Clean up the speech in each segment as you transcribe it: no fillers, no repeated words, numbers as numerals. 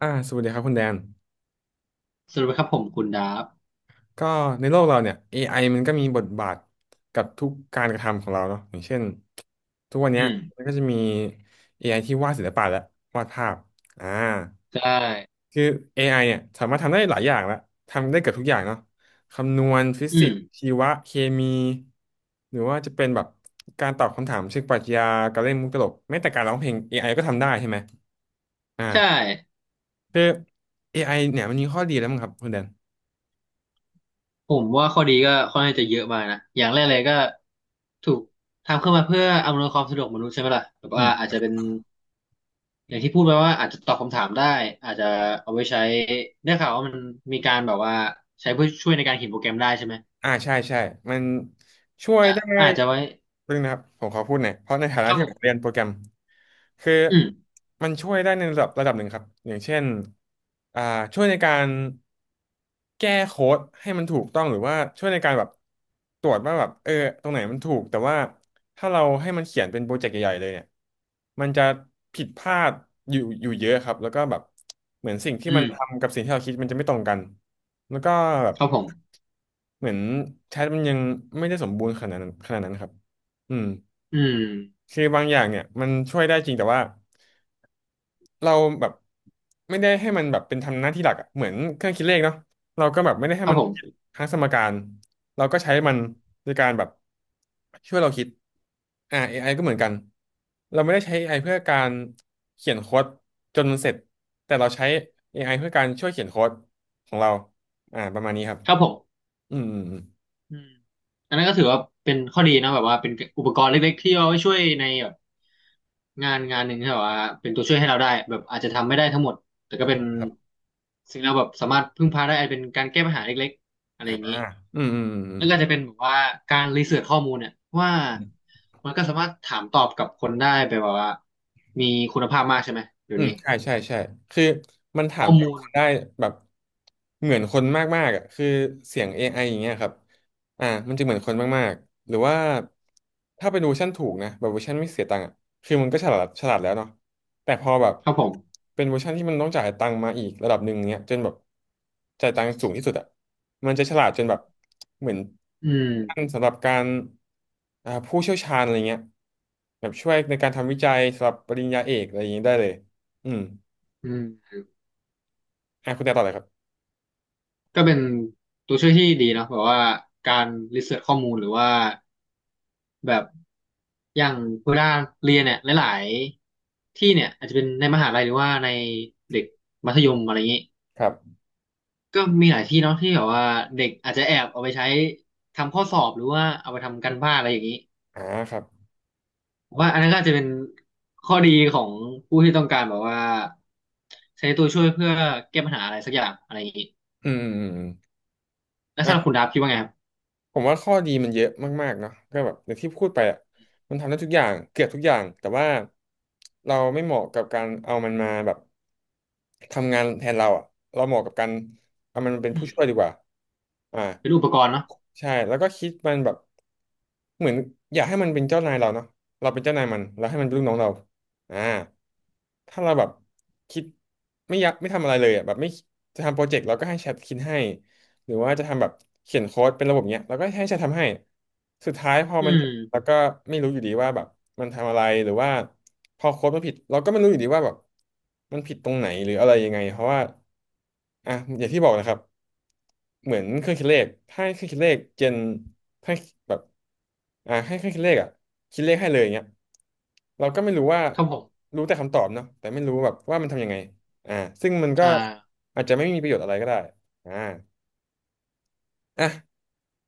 สวัสดีครับคุณแดนสวัสดีครับผมคุณดาฟก็ในโลกเราเนี่ย AI มันก็มีบทบาทกับทุกการกระทำของเราเนาะอย่างเช่นทุกวันเนี้ยอืมมันก็จะมี AI ที่วาดศิลปะแล้ววาดภาพ อ่า ใช่คือ AI เนี่ยสามารถทำได้หลายอย่างละทำได้เกือบทุกอย่างเนาะคำนวณฟิอืสิกมส์ชีวะเคมี หรือว่าจะเป็นแบบการตอบคำถามเชิงปรัชญาการเล่นมุกตลกแม้แต่การร้องเพลง AI ก็ทำได้ใช่ไหมอ่าใช่คือ AI เนี่ยมันมีข้อดีแล้วมั้งครับคุณแดน ผมว่าข้อดีก็ค่อนข้างจะเยอะมากนะอย่างแรกเลยก็ถูกทำขึ้นมาเพื่ออำนวยความสะดวกมนุษย์ใช่ไหมล่ะแบบว่าอาจจะเป็นอย่างที่พูดไปว่าอาจจะตอบคำถามได้อาจจะเอาไว้ใช้ได้ข่าวว่ามันมีการแบบว่าใช้เพื่อช่วยในการเขียนโปรแกรมได้ใช่ไหมใช่ใช่มันช่วยก็ได้อาจจะไว้เพิ่งนะครับผมขอพูดหน่อยเพราะในฐานะครับที่ผผมเรียนมโปรแกรมคืออืมมันช่วยได้ในระดับหนึ่งครับอย่างเช่นอ่าช่วยในการแก้โค้ดให้มันถูกต้องหรือว่าช่วยในการแบบตรวจว่าแบบตรงไหนมันถูกแต่ว่าถ้าเราให้มันเขียนเป็นโปรเจกต์ใหญ่ๆเลยเนี่ยมันจะผิดพลาดอยู่เยอะครับแล้วก็แบบเหมือนสิ่งที่อืมันมทำกับสิ่งที่เราคิดมันจะไม่ตรงกันแล้วก็แบบ ครับผมเหมือนแชทมันยังไม่ได้สมบูรณ์ขนาดนั้นครับอืมอืมคือบางอย่างเนี่ยมันช่วยได้จริงแต่ว่าเราแบบไม่ได้ให้มันแบบเป็นทำหน้าที่หลักอะเหมือนเครื่องคิดเลขเนาะเราก็แบบไม่ได้ให้ครับมันผคิดมทั้งสมการเราก็ใช้มันในการแบบช่วยเราคิดAI ก็เหมือนกันเราไม่ได้ใช้ AI เพื่อการเขียนโค้ดจนมันเสร็จแต่เราใช้ AI เพื่อการช่วยเขียนโค้ดของเราประมาณนี้ครับครับผม อืมอืมอืมอืมอันนั้นก็ถือว่าเป็นข้อดีนะแบบว่าเป็นอุปกรณ์เล็กๆที่เอาไว้ช่วยในแบบงานหนึ่งที่แบบว่าเป็นตัวช่วยให้เราได้แบบอาจจะทำไม่ได้ทั้งหมดแต่ก็เป็นครับ สิ่งเราแบบสามารถพึ่งพาได้อาจเป็นการแก้ปัญหาเล็กๆอะไรอย่างนี้อ่าอืมอืมอืมอืมแล้วก็จะเป็นแบบว่าการรีเสิร์ชข้อมูลเนี่ยว่าอืม มันก็สามารถถามตอบกับคนได้แบบว่ามีคุณภาพมากใช่ไหมเดี๋ยอืวมนี้ใช่ใช่ใช่คือมันถาข้มอตอมูลบได้แบบเหมือนคนมากๆอ่ะคือเสียง AI อไออย่างเงี้ยครับมันจะเหมือนคนมากๆหรือว่าถ้าเป็นเวอร์ชันถูกนะแบบเวอร์ชันไม่เสียตังค์อ่ะคือมันก็ฉลาดฉลาดแล้วเนาะแต่พอแบบครับผมเป็นเวอร์ชันที่มันต้องจ่ายตังค์มาอีกระดับหนึ่งเงี้ยจนแบบจ่ายตังค์สูงที่สุดอ่ะมันจะฉลาดจนแบบเหมือนอืมท่านสำหรับการผู้เชี่ยวชาญอะไรเงี้ยแบบช่วยในการทำวิจัยสำหรับปริญญาเอกอะไรอย่างเงี้ยได้เลย อืม อืม อ่ะคุณแต่ต่อเลยครับ ก็เป็นตัวช่วยที่ดีเนาะแบบว่าการรีเสิร์ชข้อมูลหรือว่าแบบอย่างเวลาเรียนเนี่ยหลายๆที่เนี่ยอาจจะเป็นในมหาลัยหรือว่าในเด็กมัธยมอะไรอย่างนี้ครับก็มีหลายที่เนาะที่แบบว่าเด็กอาจจะแอบเอาไปใช้ทำข้อสอบหรือว่าเอาไปทำการบ้านอะไรอย่างนี้อ่าครับ ผมว่าอันนั้นก็อาจจะเป็นข้อดีของผู้ที่ต้องการแบบว่าใช้ตัวช่วยเพื่อแก้ปัญหาอะไรสักอย่างอะไรอย่างนี้อืม อืม อืมแล้วสำหรับคุณอ่ะ ดับคิดว่าไงครับผมว่าข้อดีมันเยอะมากๆเนาะก็แบบอย่างที่พูดไปอ่ะมันทำได้ทุกอย่างเกือบทุกอย่างแต่ว่าเราไม่เหมาะกับการเอามันมาแบบทำงานแทนเราอ่ะเราเหมาะกับการเอามันมาเป็นอืผู้มช่วยดีกว่าอ่าเป็นอุปกรณ์เนาะใช่แล้วก็คิดมันแบบเหมือนอยากให้มันเป็นเจ้านายเราเนาะเราเป็นเจ้านายมันแล้วให้อืมันมเป็นลูกน้องเราอ่าถ้าเราแบบคิดไม่อยากไม่ทำอะไรเลยอ่ะแบบไม่จะทำโปรเจกต์เราก็ให้แชทคิดให้ หรือว่าจะทำแบบเขียนโค้ดเป็นระบบเนี้ยแล้วก็ให้ฉันทำให้สุดท้ายพออืมันม เจ็บแล้วก็ไม่รู้อยู่ดีว่าแบบมันทำอะไรหรือว่าพอโค้ดมันผิดเราก็ไม่รู้อยู่ดีว่าแบบมันผิดตรงไหนหรืออะไรยังไงเพราะว่าอ่ะอย่างที่บอกนะครับเหมือนเครื่องคิดเลขถ้าให้เครื่องคิดเลขเจนให้แบบอ่ะให้เครื่องคิดเลขอ่ะคิดเลขให้เลยอย่างเงี้ยเราก็ไม่รู้ว่าครับผมรู้แต่คำตอบเนาะแต่ไม่รู้แบบว่ามันทำยังไงอ่าซึ่งมันก็อ่าอาจจะไม่มีประโยชน์อะไรก็ได้อ่า อ่ะ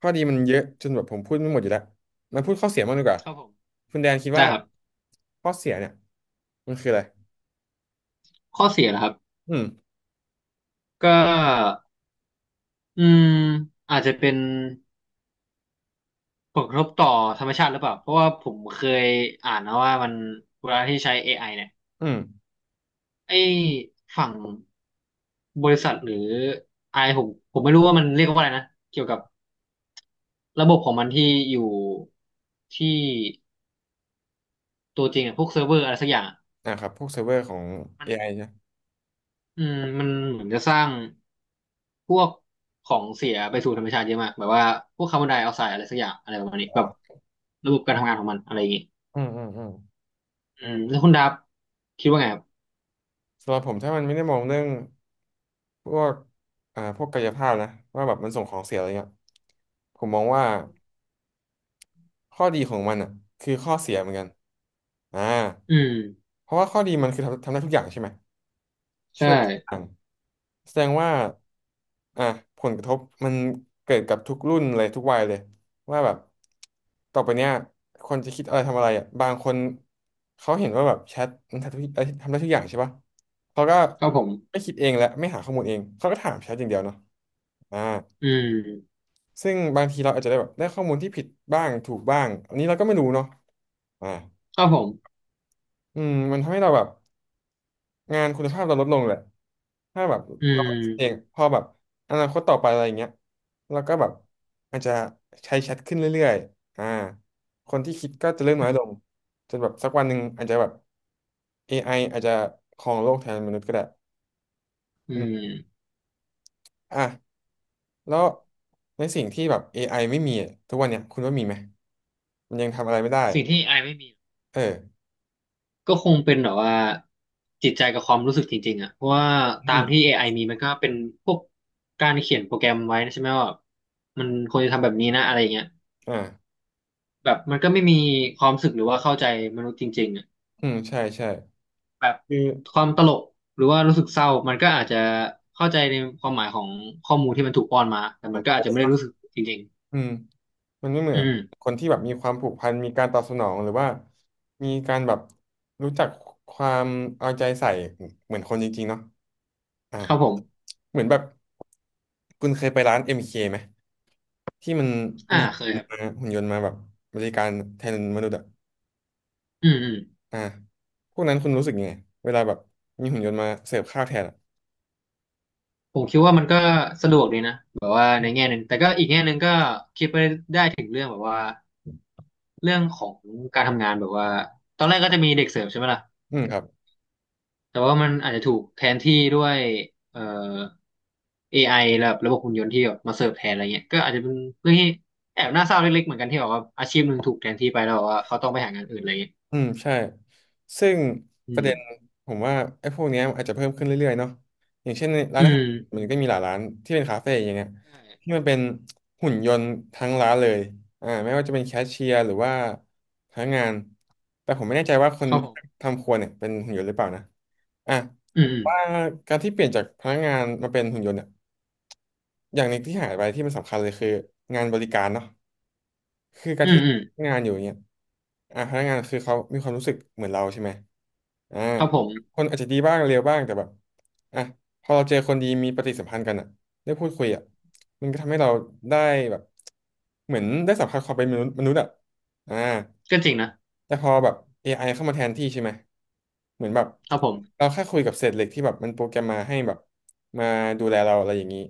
ข้อดีมันเยอะจนแบบผมพูดไม่หมดอยู่แล้วมาพูดข้อเสียบ้างดีกว่าครับผมคุณแดนคิดได้ว่าครับข้อเสียเนี่ยมันคืออะไรข้อเสียนะครับอืมก็อืมอาจจะเป็นผลกระทบต่อธรรมชาติหรือเปล่า เพราะว่าผมเคยอ่านนะว่ามันเวลาที่ใช้ AI เนี่ยอืมไอ้ฝั่งบริษัทหรือไอผมผมไม่รู้ว่ามันเรียกว่าอะไรนะ เกี่ยวกับระบบของมันที่อยู่ที่ตัวจริงอะพวกเซิร์ฟเวอร์อะไรสักอย่างอะอ่ะครับพวกเซิร์ฟเวอร์ของ มัน AI นะอืมมันเหมือนจะสร้างพวกของเสียไปสู่ธรรมชาติเยอะมากแบบว่าพวกคาร์บอนไดออกไซด์อะไรสักอย่างอะไรประมาณนี้แบบระบบการทำงานของมันอะไรอย่างงี้อืมอืมอืมอือืมมแล้วคุณดับคิดว่าไงครับสำหรับผมถ้ามันไม่ได้มองเรื่องพวกพวกกายภาพนะว่าแบบมันส่งของเสียอะไรเงี้ยผมมองว่าข้อดีของมันอ่ะคือข้อเสียเหมือนกันอ่าอืมเพราะว่าข้อดีมันคือทำได้ทุกอย่างใช่ไหมใช่ช่วยได้ทุกอย่าง แสดงว่าอ่ะผลกระทบมันเกิดกับทุกรุ่นเลยทุกวัยเลยว่าแบบต่อไปเนี้ยคนจะคิดอะไรทำอะไรอ่ะบางคนเขาเห็นว่าแบบแชทมันทำได้ทุกอย่างใช่ปะเขาก็ครับผมไม่คิดเองและไม่หาข้อมูลเองเขาก็ถามแชทอย่างเดียวเนาะอ่าอืมซึ่งบางทีเราอาจจะได้แบบได้ข้อมูลที่ผิดบ้างถูกบ้างอันนี้เราก็ไม่รู้เนาะอ่าครับผมอืมมันทำให้เราแบบ งานคุณภาพเราลดลงแหละถ้าแบบอืเราเองมพอแบบอนาคตต่อไปอะไรอย่างเงี้ยเราก็แบบอาจจะใช้แชทขึ้นเรื่อยๆอ่าคนที่คิดก็จะเริ่มอืน้อยมลงจนแบบสักวันหนึ่งอาจจะแบบ AI อไออาจจะครองโลกแทนมนุษย์ก็ได้อือืมมอ่ะแล้วในสิ่งที่แบบ AI ไม่มีอะทุกวันเนี้ยคุณว่ามีไหมมันยังทำอะไรไม่ได้สิ่งที่ไอไม่มีเออก็คงเป็นแบบว่าจิตใจกับความรู้สึกจริงๆอ่ะเพราะว่าอืตามมที่ AI มีมันก็เป็นพวกการเขียนโปรแกรมไว้นะใช่ไหมว่ามันควรจะทำแบบนี้นะอะไรอย่างเงี้ย อ่าแบบมันก็ไม่มีความรู้สึกหรือว่าเข้าใจมนุษย์จริงๆอ่ะอืมใช่ใช่แบบคือความตลกหรือว่ารู้สึกเศร้ามันก็อาจจะเข้าใจในความหมายของข้อมูลที่มันถูกป้อนมาแต่ขมัอนงก็อาโค้จจะด ไม่ได้รู้สึกจริงอืมมันไม่เหมืๆออืนมคนที่แบบมีความผูกพันมีการตอบสนองหรือว่ามีการแบบรู้จักความเอาใจใส่เหมือนคนจริงๆเนาะอ่าครับผมเหมือนแบบคุณเคยไปร้าน MK ไหมที่มันอ่ามีเคยครับหุ่นยนต์มาแบบบริการแทนมนุษย์อะอืมอืมอ่าพวกนั้นคุณรู้สึกยังไงเวลาแบบมีหุ่นยนต์มาเสิร์ฟข้าวแทนอะผมคิดว่ามันก็สะดวกดีนะแบบว่าในแง่หนึ่งแต่ก็อีกแง่หนึ่งก็คิดไปได้ถึงเรื่องแบบว่าเรื่องของการทำงานแบบว่าตอนแรกก็จะมีเด็กเสิร์ฟใช่ไหมล่ะ อืมครับ แต่ว่ามันอาจจะถูกแทนที่ด้วยเอ่อ AI แบบระบบหุ่นยนต์ที่แบบมาเสิร์ฟแทนอะไรเงี้ยก็อาจจะเป็นเรื่องที่แอบน่าเศร้าเล็กๆเหมือนกันที่แบบว่าอาชีพหนึ่งถูกแทนที่ไปแล้วแบบว่าเขาต้องไปหางานอื่นอะไรเงี้ยอืมใช่ซึ่งอืประมเด็นผมว่าไอ้พวกเนี้ยอาจจะเพิ่มขึ้นเรื่อยๆเนาะอย่างเช่นในร้าอืนอาหามรมันก็มีหลายร้านที่เป็นคาเฟ่อย่างเงี้ยใช่ที่มันเป็นหุ่นยนต์ทั้งร้านเลยอ่าไม่ว่าจะเป็นแคชเชียร์หรือว่าพนักงานแต่ผมไม่แน่ใจว่าคนครับผมทำครัวเนี่ยเป็นหุ่นยนต์หรือเปล่านะอ่ะอืมว่าการที่เปลี่ยนจากพนักงานมาเป็นหุ่นยนต์เนี่ยอย่างหนึ่งที่หายไปที่มันสำคัญเลยคืองานบริการเนาะ คือการอืมที่อืมอืมงานอยู่อย่างเงี้ยอ่ะพนักงานคือเขามีความรู้สึกเหมือนเราใช่ไหมอ่าครับผมคนอาจจะดีบ้างเลวบ้างแต่แบบอ่ะพอเราเจอคนดีมีปฏิสัมพันธ์กันอ่ะได้พูดคุยอ่ะมันก็ทำให้เราได้แบบเหมือนได้สัมผัสความเป็นมนุษย์มนุษย์อ่ะอ่าก็จริงนะแต่พอแบบ AI เข้ามาแทนที่ใช่ไหมเหมือนแบบครับผเรามแค่คุยกับเศษเหล็กที่แบบมันโปรแกรมมาให้แบบมาดูแลเราอะไรอย่างนี้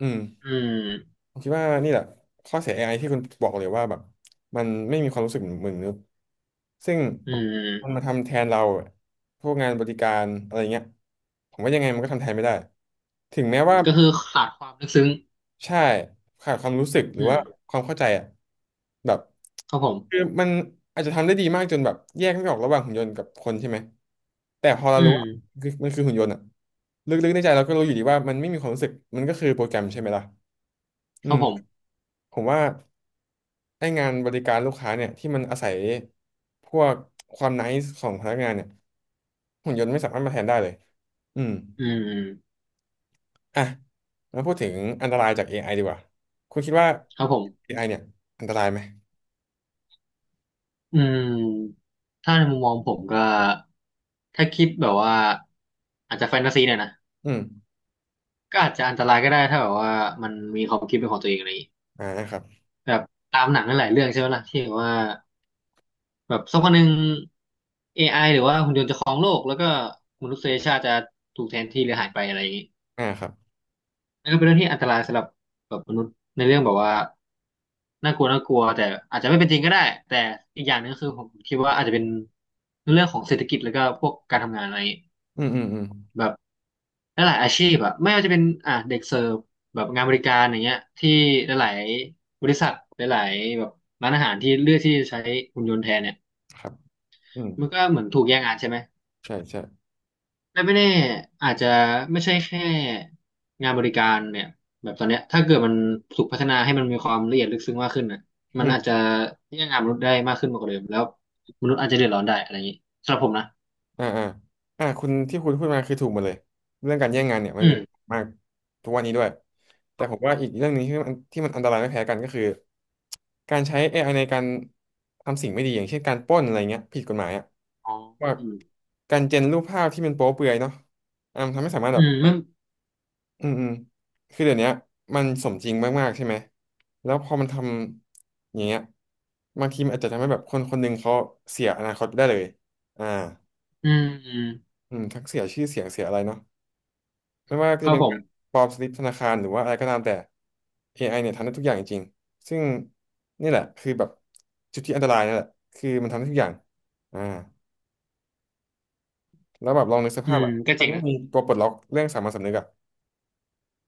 อืม อืมผมคิดว่านี่แหละข้อเสีย AI ที่คุณบอกเลยว่าแบบมันไม่มีความรู้สึกเหมือนมนุษย์ซึ่งอืมันมามทำแทนเราพวกงานบริการอะไรเงี้ยผมว่ายังไงมันก็ทำแทนไม่ได้ถึงแม้ว่าก็คือขาดความลึกซึ้งใช่ขาดความรู้สึกหรืออืมว่าความเข้าใจอะแบบครับผคือมมันอาจจะทำได้ดีมากจนแบบแยกไม่ออกระหว่างหุ่นยนต์กับคนใช่ไหมแต่พอเราอืรู้มว่าคือมันคือหุ่นยนต์อะลึกๆในใจเราก็รู้อยู่ดีว่ามันไม่มีความรู้สึกมันก็คือโปรแกรมใช่ไหมล่ะคอืรับมผมผมว่า ให้งานบริการลูกค้าเนี่ยที่มันอาศัยพวกความไนซ์ของพนักงานเนี่ยหุ่นยนต์ไม่สามารถมาแทนได้เลยอืมอืมอ่ะมาพูดถึงอันตรายจาก AI ดีกว่าคุณคิดว่า ครับผม AI เนี่ยอันตรายไหมอืมถ้าในมุมมองผมก็ถ้าคิดแบบว่าอาจจะแฟนตาซีเนี่อยนะอืมก็อาจจะอันตรายก็ได้ถ้าแบบว่ามันมีความคิดเป็นของตัวเองอะไรอย่างงี้อ่าครับแบบตามหนังนั่นหลายเรื่องใช่ไหมล่ะที่แบบว่าแบบสักวันหนึ่ง a อไอหรือว่าหุ่นยนต์จะครองโลกแล้วก็มนุษยชาติจะถูกแทนที่หรือหายไปอะไรอย่างงี้อ่าครับนั่นก็เป็นเรื่องที่อันตรายสำหรับแบบมนุษย์ในเรื่องแบบว่าน่ากลัวแต่อาจจะไม่เป็นจริงก็ได้แต่อีกอย่างหนึงคือผมคิดว่าอาจจะเป็นเรื่องของเศรษฐกิจแล้วก็พวกการทำงานอะไร อืมอืมอืมแบบหลายๆอาชีพอะไม่ว่าจะเป็นอ่ะเด็กเสิร์ฟแบบงานบริการอย่างเงี้ยที่หลายๆบริษัทหลายๆแบบร้านอาหารที่เลือกที่จะใช้หุ่นยนต์แทนเนี่ยครับอืมมันก็เหมือนถูกแย่งงานใช่ไหมใช่ใช่และไม่แน่อาจจะไม่ใช่แค่งานบริการเนี่ยแบบตอนเนี้ยถ้าเกิดมันถูกพัฒนาให้มันมีความละเอียดลึกซึ้งมากขึ้นนะอืมันอาจม จะแย่งงานมนุษย์ได้มากขึ้นมากกว่าเดิมแล้วมนุษย์อาจจะเดือดร้อนได้อะไรอย่างนี้สำหรับผมนะอ่าอ่าอ่าคุณที่คุณพูดมาคือถูกหมดเลยเรื่องการแย่งงานเนี่ยมันอืเป็นมมากทุกวันนี้ด้วยคแต่รับผผมมว่าอีกเรื่องหนึ่งที่มันอันตรายไม่แพ้กันก็คือการใช้เอไอในการทำสิ่งไม่ดีอย่างเช่นการปล้นอะไรเงี้ยผิดกฎหมายอะอ๋อว่าอืมการเจนรูปภาพที่มันโป๊เปลือยเนาะอ่ามันทำให้สามารถอืแบบมมันอืมอืมคือเดี๋ยวเนี้ยมันสมจริงมากๆใช่ไหมแล้วพอมันทำอย่างเงี้ยบางทีมันอาจจะทำให้แบบคนคนหนึ่งเขาเสียอนาคตไปได้เลยอ่า อืมอืมอืมทั้งเสียชื่อเสียงเสียอะไรเนาะไม่ว่าคจะรับเป็นผการม ปลอมสลิปธนาคารหรือว่าอะไรก็ตามแต่ AI เนี่ยทำได้ทุกอย่างจริงๆซึ่งนี่แหละคือแบบจุดที่อันตรายนั่นแหละคือมันทำได้ทุกอย่างอ่าแล้วแบบลองนึกสอืภาพแบมบก็จถ้าริงไม่นะมีตัวปลดล็อกเรื่องสามัญสำนึกอะ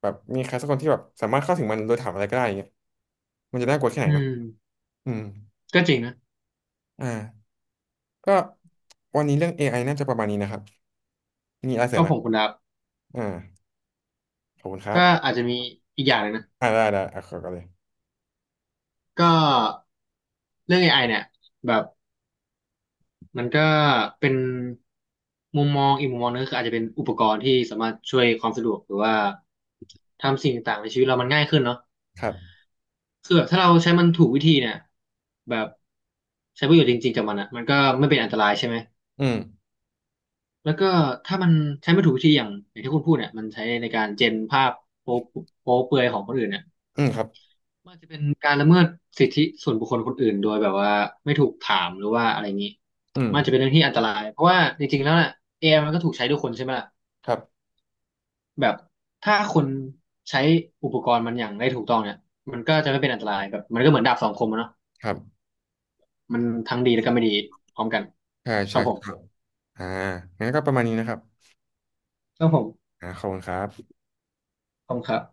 แบบมีใครสักคนที่แบบสามารถเข้าถึงมันโดยถามอะไรก็ได้อย่างเงี้ยมันจะน่ากลัวแค่ไหนอืเนาะมอืมก็จริงนะอ่าก็วันนี้เรื่องเอไ i น่าจะประมาณนี้นะครับมีอะไรเสริก็มไหมผมคุณดับอ่าขอบคุณครัก็บอาจจะมีอีกอย่างหนึงนะอ่าได้ได้อ่ะขอก่อนเลยก็เรื่อง AI เนี่ยแบบมันก็เป็นมุมมองอีกมุมมองนึงคืออาจจะเป็นอุปกรณ์ที่สามารถช่วยความสะดวกหรือว่าทำสิ่งต่างๆในชีวิตเรามันง่ายขึ้นเนาะครับคือแบบถ้าเราใช้มันถูกวิธีเนี่ยแบบใช้ประโยชน์จริงๆกับมันอ่ะมันก็ไม่เป็นอันตรายใช่ไหมอืมแล้วก็ถ้ามันใช้ไม่ถูกวิธีอย่างที่คุณพูดเนี่ยมันใช้ในการเจนภาพโป๊ะโป๊ะเปลือยของคนอื่นเนี่ย อืมครับมันอาจจะเป็นการละเมิดสิทธิส่วนบุคคลคนอื่นโดยแบบว่าไม่ถูกถามหรือว่าอะไรงนี้อืมมันอาจจะเป็นเรื่องที่อันตรายเพราะว่าจริงๆแล้วน่ะ AI มันก็ถูกใช้ด้วยคนใช่ไหมล่ะครับแบบถ้าคนใช้อุปกรณ์มันอย่างได้ถูกต้องเนี่ยมันก็จะไม่เป็นอันตรายแบบมันก็เหมือนดาบสองคมอะเนาะครับ มันทั้งดีแล้วก็ไม่ดีพร้อมกันใช่คใช่รับผมครับอ่างั้นก็ประมาณนี้นะครับครับผมอ่าขอบคุณครับขอบคุณครับ